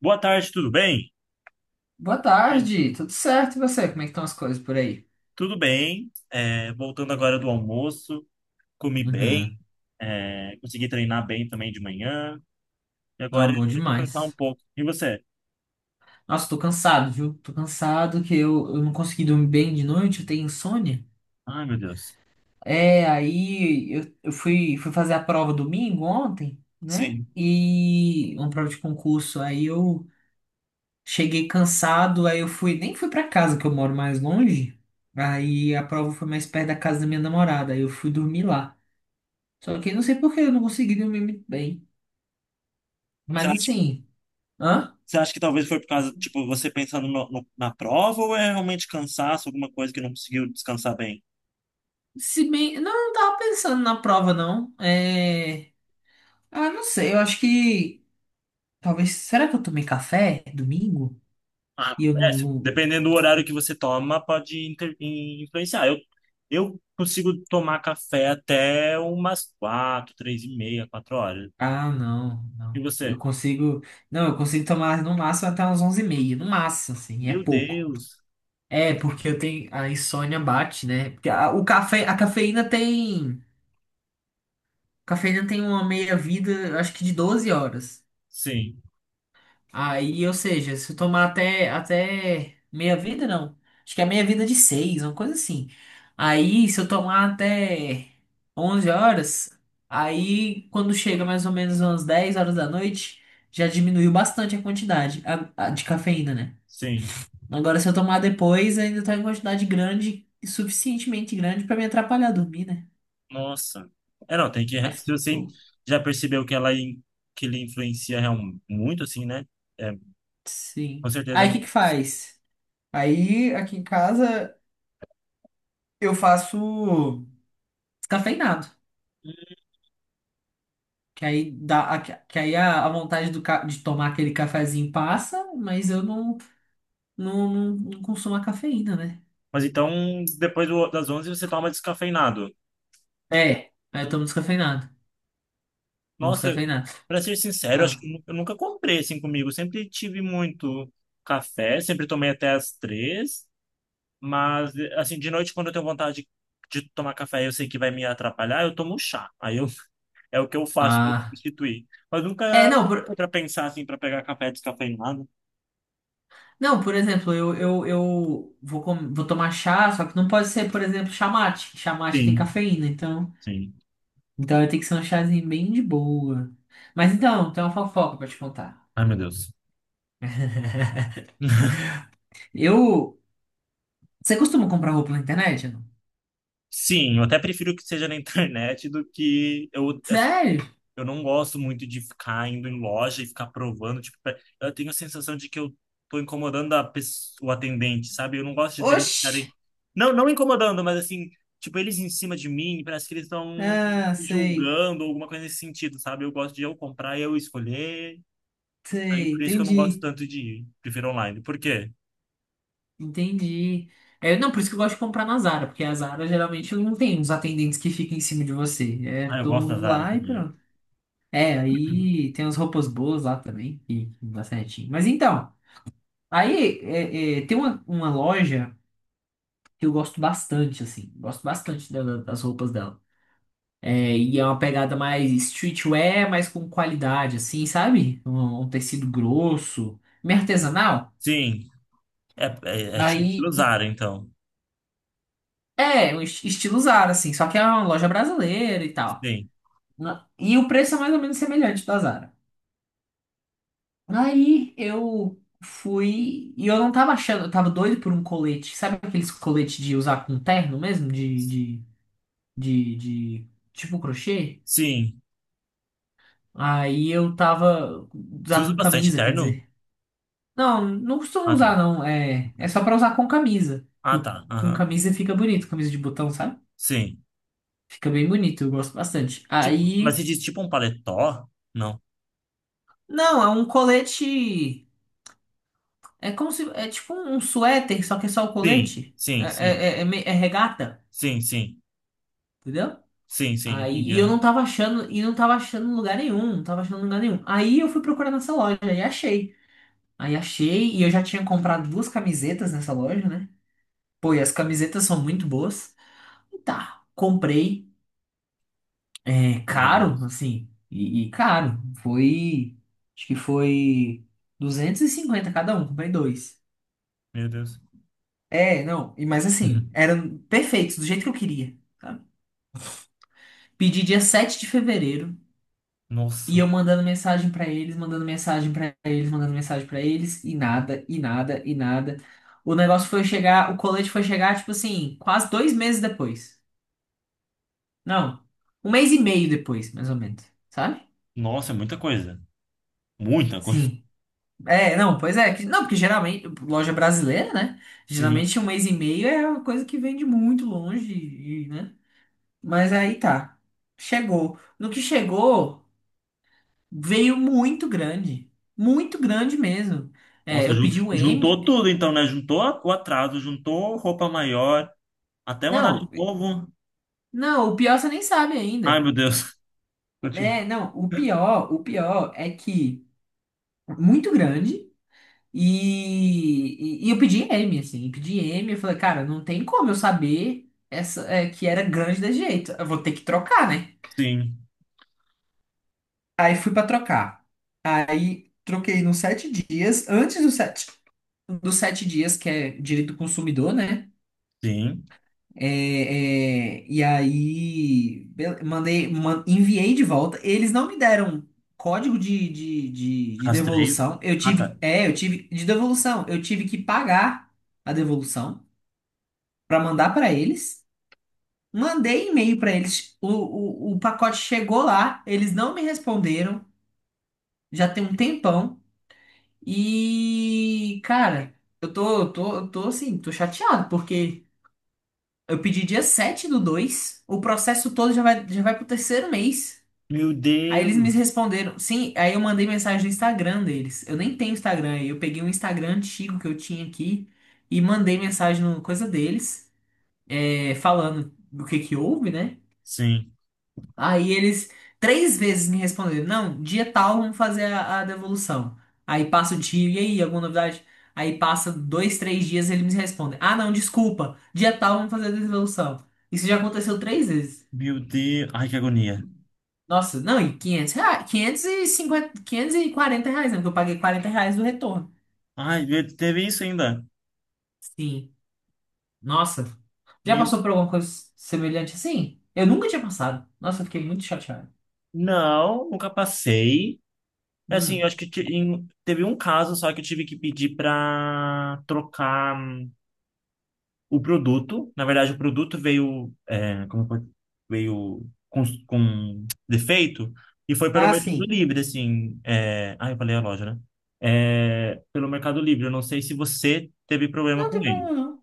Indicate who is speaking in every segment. Speaker 1: Boa tarde, tudo bem?
Speaker 2: Boa tarde, tudo certo? E você? Como é que estão as coisas por aí?
Speaker 1: Tudo bem. Voltando agora do almoço, comi bem,
Speaker 2: Uhum.
Speaker 1: consegui treinar bem também de manhã, e
Speaker 2: Ah,
Speaker 1: agora eu
Speaker 2: bom
Speaker 1: vou descansar um
Speaker 2: demais.
Speaker 1: pouco. E você?
Speaker 2: Nossa, tô cansado, viu? Tô cansado que eu não consegui dormir bem de noite, eu tenho insônia.
Speaker 1: Ai, meu Deus.
Speaker 2: É, aí eu fui fazer a prova domingo ontem, né?
Speaker 1: Sim.
Speaker 2: E uma prova de concurso. Aí eu cheguei cansado, aí eu nem fui pra casa, que eu moro mais longe. Aí a prova foi mais perto da casa da minha namorada, aí eu fui dormir lá. Só que eu não sei por que eu não consegui dormir muito bem.
Speaker 1: Você
Speaker 2: Mas
Speaker 1: acha que,
Speaker 2: assim, hã?
Speaker 1: você acha que talvez foi por causa, tipo, você pensando na prova ou é realmente cansaço, alguma coisa que não conseguiu descansar bem?
Speaker 2: Se bem. Não, eu não tava pensando na prova, não. É. Ah, não sei, eu acho que. Talvez. Será que eu tomei café domingo?
Speaker 1: Ah,
Speaker 2: E eu não.
Speaker 1: é,
Speaker 2: não-
Speaker 1: dependendo do horário que você toma, pode influenciar. Eu consigo tomar café até umas quatro, três e meia, quatro horas.
Speaker 2: Ah, não,
Speaker 1: E
Speaker 2: não.
Speaker 1: você?
Speaker 2: Eu consigo. Não, eu consigo tomar no máximo até umas 11h30. No máximo, assim, e é
Speaker 1: Meu
Speaker 2: pouco.
Speaker 1: Deus.
Speaker 2: É, porque eu tenho. A insônia bate, né? Porque o café, a cafeína tem. A cafeína tem uma meia-vida, eu acho que de 12 horas.
Speaker 1: Sim,
Speaker 2: Aí, ou seja, se eu tomar até meia vida, não. Acho que é meia vida de seis, uma coisa assim. Aí, se eu tomar até 11 horas, aí quando chega mais ou menos umas 10 horas da noite, já diminuiu bastante a quantidade a de cafeína, né?
Speaker 1: sim.
Speaker 2: Agora, se eu tomar depois, ainda tá em quantidade grande, e suficientemente grande pra me atrapalhar a dormir, né?
Speaker 1: Nossa. É, não, tem que.
Speaker 2: Mas,
Speaker 1: Se você
Speaker 2: pô,
Speaker 1: já percebeu que ela in- que ele influencia real- muito, assim, né? É, com
Speaker 2: sim.
Speaker 1: certeza.
Speaker 2: Aí, o que que faz? Aí, aqui em casa, eu faço descafeinado. Que aí, que aí a vontade de tomar aquele cafezinho passa, mas eu não consumo a cafeína, né?
Speaker 1: Mas então, depois das onze você toma descafeinado.
Speaker 2: É, aí eu
Speaker 1: Hum.
Speaker 2: tomo descafeinado. Tomo
Speaker 1: Nossa,
Speaker 2: descafeinado.
Speaker 1: pra ser sincero, acho
Speaker 2: Ah,
Speaker 1: que eu nunca comprei assim comigo. Sempre tive muito café, sempre tomei até as três. Mas, assim, de noite, quando eu tenho vontade de tomar café, eu sei que vai me atrapalhar, eu tomo chá. Aí eu é o que eu faço para
Speaker 2: ah.
Speaker 1: substituir. Mas nunca
Speaker 2: É, não,
Speaker 1: para pensar assim para pegar café descafeinado.
Speaker 2: não, por exemplo, eu vou tomar chá, só que não pode ser, por exemplo, chá mate, que chá mate tem
Speaker 1: Sim,
Speaker 2: cafeína, então,
Speaker 1: sim.
Speaker 2: tem que ser um chazinho bem de boa. Mas então, tem uma fofoca pra te contar.
Speaker 1: Ai, meu Deus.
Speaker 2: Eu. Você costuma comprar roupa na internet? Não?
Speaker 1: Sim, eu até prefiro que seja na internet do que eu, assim,
Speaker 2: Sério?
Speaker 1: eu não gosto muito de ficar indo em loja e ficar provando, tipo, eu tenho a sensação de que eu tô incomodando a pessoa, o atendente, sabe? Eu não gosto de deles
Speaker 2: Oxi!
Speaker 1: ficarem, não, não incomodando, mas assim, tipo, eles em cima de mim, parece que eles estão
Speaker 2: Ah,
Speaker 1: me
Speaker 2: sei.
Speaker 1: julgando, alguma coisa nesse sentido, sabe? Eu gosto de eu comprar e eu escolher, aí
Speaker 2: Sei,
Speaker 1: por isso que eu não gosto
Speaker 2: entendi,
Speaker 1: tanto de ir, prefiro online. Por quê?
Speaker 2: entendi. É, não, por isso que eu gosto de comprar na Zara, porque a Zara geralmente não tem uns atendentes que ficam em cima de você. É
Speaker 1: Ah, eu
Speaker 2: todo
Speaker 1: gosto da
Speaker 2: mundo
Speaker 1: Zara
Speaker 2: lá e
Speaker 1: também.
Speaker 2: pronto. É, aí tem umas roupas boas lá também, que dá certinho. Mas então, aí tem uma loja que eu gosto bastante, assim. Gosto bastante das roupas dela. É, e é uma pegada mais streetwear, mas com qualidade, assim, sabe? Um tecido grosso, meio artesanal.
Speaker 1: Sim, é
Speaker 2: Aí.
Speaker 1: estilo Zara, então.
Speaker 2: É, um estilo Zara, assim, só que é uma loja brasileira e tal.
Speaker 1: Sim,
Speaker 2: E o preço é mais ou menos semelhante da Zara. Aí eu fui e eu não tava achando, eu tava doido por um colete. Sabe aqueles coletes de usar com terno mesmo? De tipo crochê?
Speaker 1: sim.
Speaker 2: Aí eu tava
Speaker 1: Você
Speaker 2: usar
Speaker 1: usa
Speaker 2: com
Speaker 1: bastante
Speaker 2: camisa, quer
Speaker 1: terno?
Speaker 2: dizer. Não, não costumo
Speaker 1: Ah, tá.
Speaker 2: usar, não. É, é só pra usar com camisa.
Speaker 1: Ah,
Speaker 2: Com
Speaker 1: tá.
Speaker 2: com
Speaker 1: Aham.
Speaker 2: camisa fica bonito, camisa de botão, sabe?
Speaker 1: Sim.
Speaker 2: Fica bem bonito, eu gosto bastante.
Speaker 1: Tipo, mas você
Speaker 2: Aí.
Speaker 1: diz tipo um paletó? Não.
Speaker 2: Não, é um colete. É como se. É tipo um suéter, só que é só o
Speaker 1: Sim,
Speaker 2: colete. É,
Speaker 1: sim, sim.
Speaker 2: é, é- é me- é regata,
Speaker 1: Sim, sim.
Speaker 2: entendeu?
Speaker 1: Sim, sim,
Speaker 2: Aí,
Speaker 1: entendi.
Speaker 2: e eu
Speaker 1: Aham.
Speaker 2: não tava achando, e não tava achando em lugar nenhum, não tava achando em lugar nenhum. Aí eu fui procurar nessa loja e achei. Aí achei, e eu já tinha comprado duas camisetas nessa loja, né? Pô, e as camisetas são muito boas. E tá, comprei. É
Speaker 1: Meu
Speaker 2: caro,
Speaker 1: Deus.
Speaker 2: assim, e caro. Foi. Acho que foi 250 cada um, comprei dois.
Speaker 1: Meu Deus.
Speaker 2: É, não, e mas assim, eram perfeitos, do jeito que eu queria, sabe? Pedi dia 7 de fevereiro, e
Speaker 1: Nossa.
Speaker 2: eu mandando mensagem pra eles, mandando mensagem pra eles, mandando mensagem pra eles, e nada, e nada, e nada. O negócio foi chegar, o colete foi chegar, tipo assim, quase 2 meses depois. Não, um mês e meio depois, mais ou menos, sabe?
Speaker 1: Nossa, é muita coisa. Muita coisa.
Speaker 2: Sim. É, não, pois é, não, porque geralmente, loja brasileira, né?
Speaker 1: Sim.
Speaker 2: Geralmente um mês e meio é uma coisa que vem de muito longe, e, né? Mas aí tá. Chegou. No que chegou, veio muito grande. Muito grande mesmo. É,
Speaker 1: Nossa,
Speaker 2: eu pedi o M.
Speaker 1: juntou tudo então, né? Juntou o atraso, juntou roupa maior, até mandar
Speaker 2: Não,
Speaker 1: de novo.
Speaker 2: não, o pior você nem sabe
Speaker 1: Ai,
Speaker 2: ainda.
Speaker 1: meu Deus. Continua.
Speaker 2: É, não, o pior é que muito grande. E eu pedi M, assim, pedi M, eu falei, cara, não tem como eu saber essa, que era grande desse jeito. Eu vou ter que trocar, né?
Speaker 1: Sim,
Speaker 2: Aí fui pra trocar. Aí troquei nos 7 dias. Antes do sete. Dos 7 dias, que é direito do consumidor, né?
Speaker 1: sim.
Speaker 2: É, e aí enviei de volta. Eles não me deram código de
Speaker 1: Rastreio.
Speaker 2: devolução. Eu
Speaker 1: Ah,
Speaker 2: tive,
Speaker 1: tá.
Speaker 2: é, eu tive de devolução. Eu tive que pagar a devolução para mandar para eles. Mandei e-mail para eles. O pacote chegou lá. Eles não me responderam. Já tem um tempão. E, cara, eu tô assim, tô chateado porque eu pedi dia 7 do 2. O processo todo já vai pro terceiro mês.
Speaker 1: Meu
Speaker 2: Aí eles me
Speaker 1: Deus.
Speaker 2: responderam, sim, aí eu mandei mensagem no Instagram deles. Eu nem tenho Instagram, aí eu peguei um Instagram antigo que eu tinha aqui e mandei mensagem no coisa deles, falando do que houve, né?
Speaker 1: Sim.
Speaker 2: Aí eles três vezes me responderam, não, dia tal vamos fazer a devolução. Aí passa o dia, e aí, alguma novidade? Aí passa dois, três dias eles me respondem, ah não, desculpa, dia tal vamos fazer a devolução. Isso já aconteceu três vezes.
Speaker 1: Meu Deus. Ai, que agonia.
Speaker 2: Nossa, não, e R$ 500, 550, R$ 540, né? Porque eu paguei R$ 40 do retorno.
Speaker 1: Ai, teve isso ainda.
Speaker 2: Sim. Nossa. Já
Speaker 1: Meu...
Speaker 2: passou por alguma coisa semelhante assim? Eu nunca tinha passado. Nossa, eu fiquei muito chateado.
Speaker 1: Não, nunca passei. É, assim,
Speaker 2: Hum.
Speaker 1: eu acho que teve um caso só que eu tive que pedir pra trocar o produto. Na verdade, o produto veio, veio com defeito e foi pelo
Speaker 2: Ah,
Speaker 1: Mercado
Speaker 2: sim.
Speaker 1: Livre, assim. É, ah, eu falei a loja, né? É, pelo Mercado Livre. Eu não sei se você teve problema
Speaker 2: Não
Speaker 1: com
Speaker 2: tem
Speaker 1: ele,
Speaker 2: problema, não.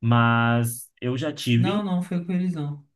Speaker 1: mas eu já
Speaker 2: Não,
Speaker 1: tive.
Speaker 2: não, foi com eles, não.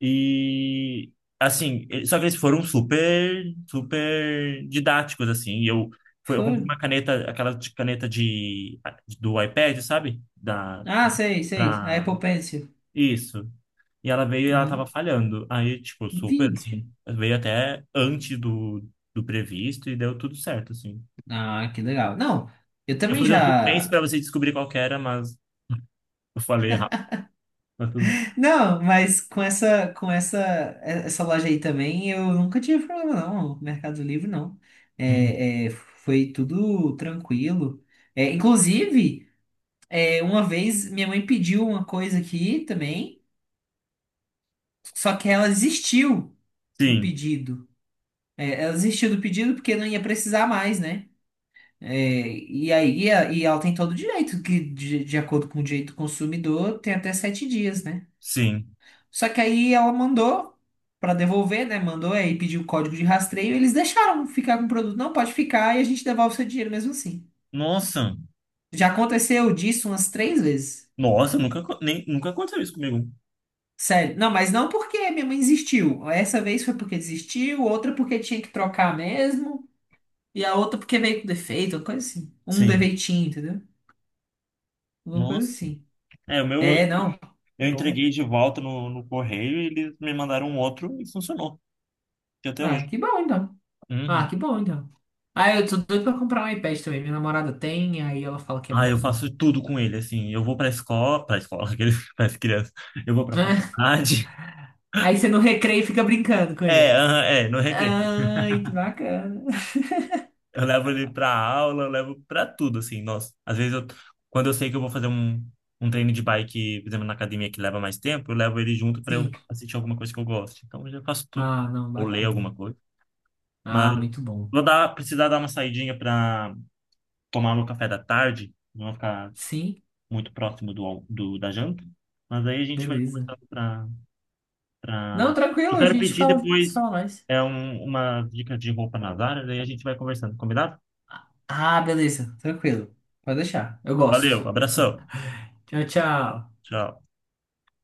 Speaker 1: E assim, eh, só que eles foram super, super didáticos, assim. E eu foi, eu comprei
Speaker 2: Foram.
Speaker 1: uma caneta, aquela caneta de do iPad, sabe? Da...
Speaker 2: Ah, sei, sei. A
Speaker 1: Pra...
Speaker 2: Apple Pencil.
Speaker 1: Isso. E ela veio e ela tava
Speaker 2: Uhum.
Speaker 1: falhando. Aí, tipo, super,
Speaker 2: Vixe.
Speaker 1: assim, veio até antes do, do previsto e deu tudo certo, assim.
Speaker 2: Ah, que legal. Não, eu
Speaker 1: Eu ia
Speaker 2: também
Speaker 1: fazer um suspense pra
Speaker 2: já.
Speaker 1: você descobrir qual que era, mas eu falei errado, mas tudo bem.
Speaker 2: Não, mas com essa loja aí também, eu nunca tive problema, não. Mercado Livre, não.
Speaker 1: Hum.
Speaker 2: É, foi tudo tranquilo. É, inclusive, uma vez minha mãe pediu uma coisa aqui também, só que ela desistiu do
Speaker 1: Sim,
Speaker 2: pedido. É, ela desistiu do pedido porque não ia precisar mais, né? É, e aí, e ela tem todo o direito, que de acordo com o direito do consumidor, tem até 7 dias, né?
Speaker 1: sim.
Speaker 2: Só que aí ela mandou pra devolver, né? Mandou aí pediu o código de rastreio. Eles deixaram ficar com o produto. Não, pode ficar e a gente devolve seu dinheiro mesmo assim.
Speaker 1: Nossa,
Speaker 2: Já aconteceu disso umas três vezes.
Speaker 1: nossa, nunca aconteceu isso comigo.
Speaker 2: Sério. Não, mas não porque minha mãe insistiu. Essa vez foi porque desistiu, outra porque tinha que trocar mesmo, e a outra porque veio com defeito, uma coisa assim. Um
Speaker 1: Sim,
Speaker 2: defeitinho, entendeu? Alguma coisa
Speaker 1: nossa.
Speaker 2: assim.
Speaker 1: É, o meu,
Speaker 2: É, não. Tá
Speaker 1: eu
Speaker 2: bom.
Speaker 1: entreguei de volta no, no correio e eles me mandaram um outro e funcionou, que até
Speaker 2: Ah,
Speaker 1: hoje.
Speaker 2: que bom então. Ah,
Speaker 1: Uhum.
Speaker 2: que bom então. Ah, eu tô doido pra comprar um iPad também. Minha namorada tem, aí ela fala que é
Speaker 1: Ah, eu
Speaker 2: muito bom.
Speaker 1: faço tudo com ele, assim. Eu vou pra escola, aqueles, para crianças. Eu vou pra faculdade.
Speaker 2: Aí você no recreio fica brincando com
Speaker 1: É,
Speaker 2: ele.
Speaker 1: aham, é, no recreio.
Speaker 2: Ai, que bacana.
Speaker 1: Eu levo ele pra aula, eu levo pra tudo, assim, nossa. Às vezes, eu, quando eu sei que eu vou fazer um, um treino de bike, por exemplo, na academia que leva mais tempo, eu levo ele junto pra eu
Speaker 2: Sim.
Speaker 1: assistir alguma coisa que eu gosto. Então, eu já faço tudo.
Speaker 2: Ah, não,
Speaker 1: Ou ler
Speaker 2: bacana.
Speaker 1: alguma coisa. Mas
Speaker 2: Ah, muito bom.
Speaker 1: vou dar, precisar dar uma saidinha pra tomar meu café da tarde, não vou ficar
Speaker 2: Sim,
Speaker 1: muito próximo do, do da janta. Mas aí a gente vai
Speaker 2: beleza.
Speaker 1: conversando pra, pra...
Speaker 2: Não, tranquilo,
Speaker 1: Eu
Speaker 2: a
Speaker 1: quero
Speaker 2: gente
Speaker 1: pedir
Speaker 2: fala, se
Speaker 1: depois
Speaker 2: fala mais.
Speaker 1: é um, uma dica de roupa nas áreas, aí a gente vai conversando, combinado?
Speaker 2: Ah, beleza, tranquilo. Pode deixar. Eu gosto.
Speaker 1: Valeu, abração.
Speaker 2: Tchau, tchau.
Speaker 1: Tchau.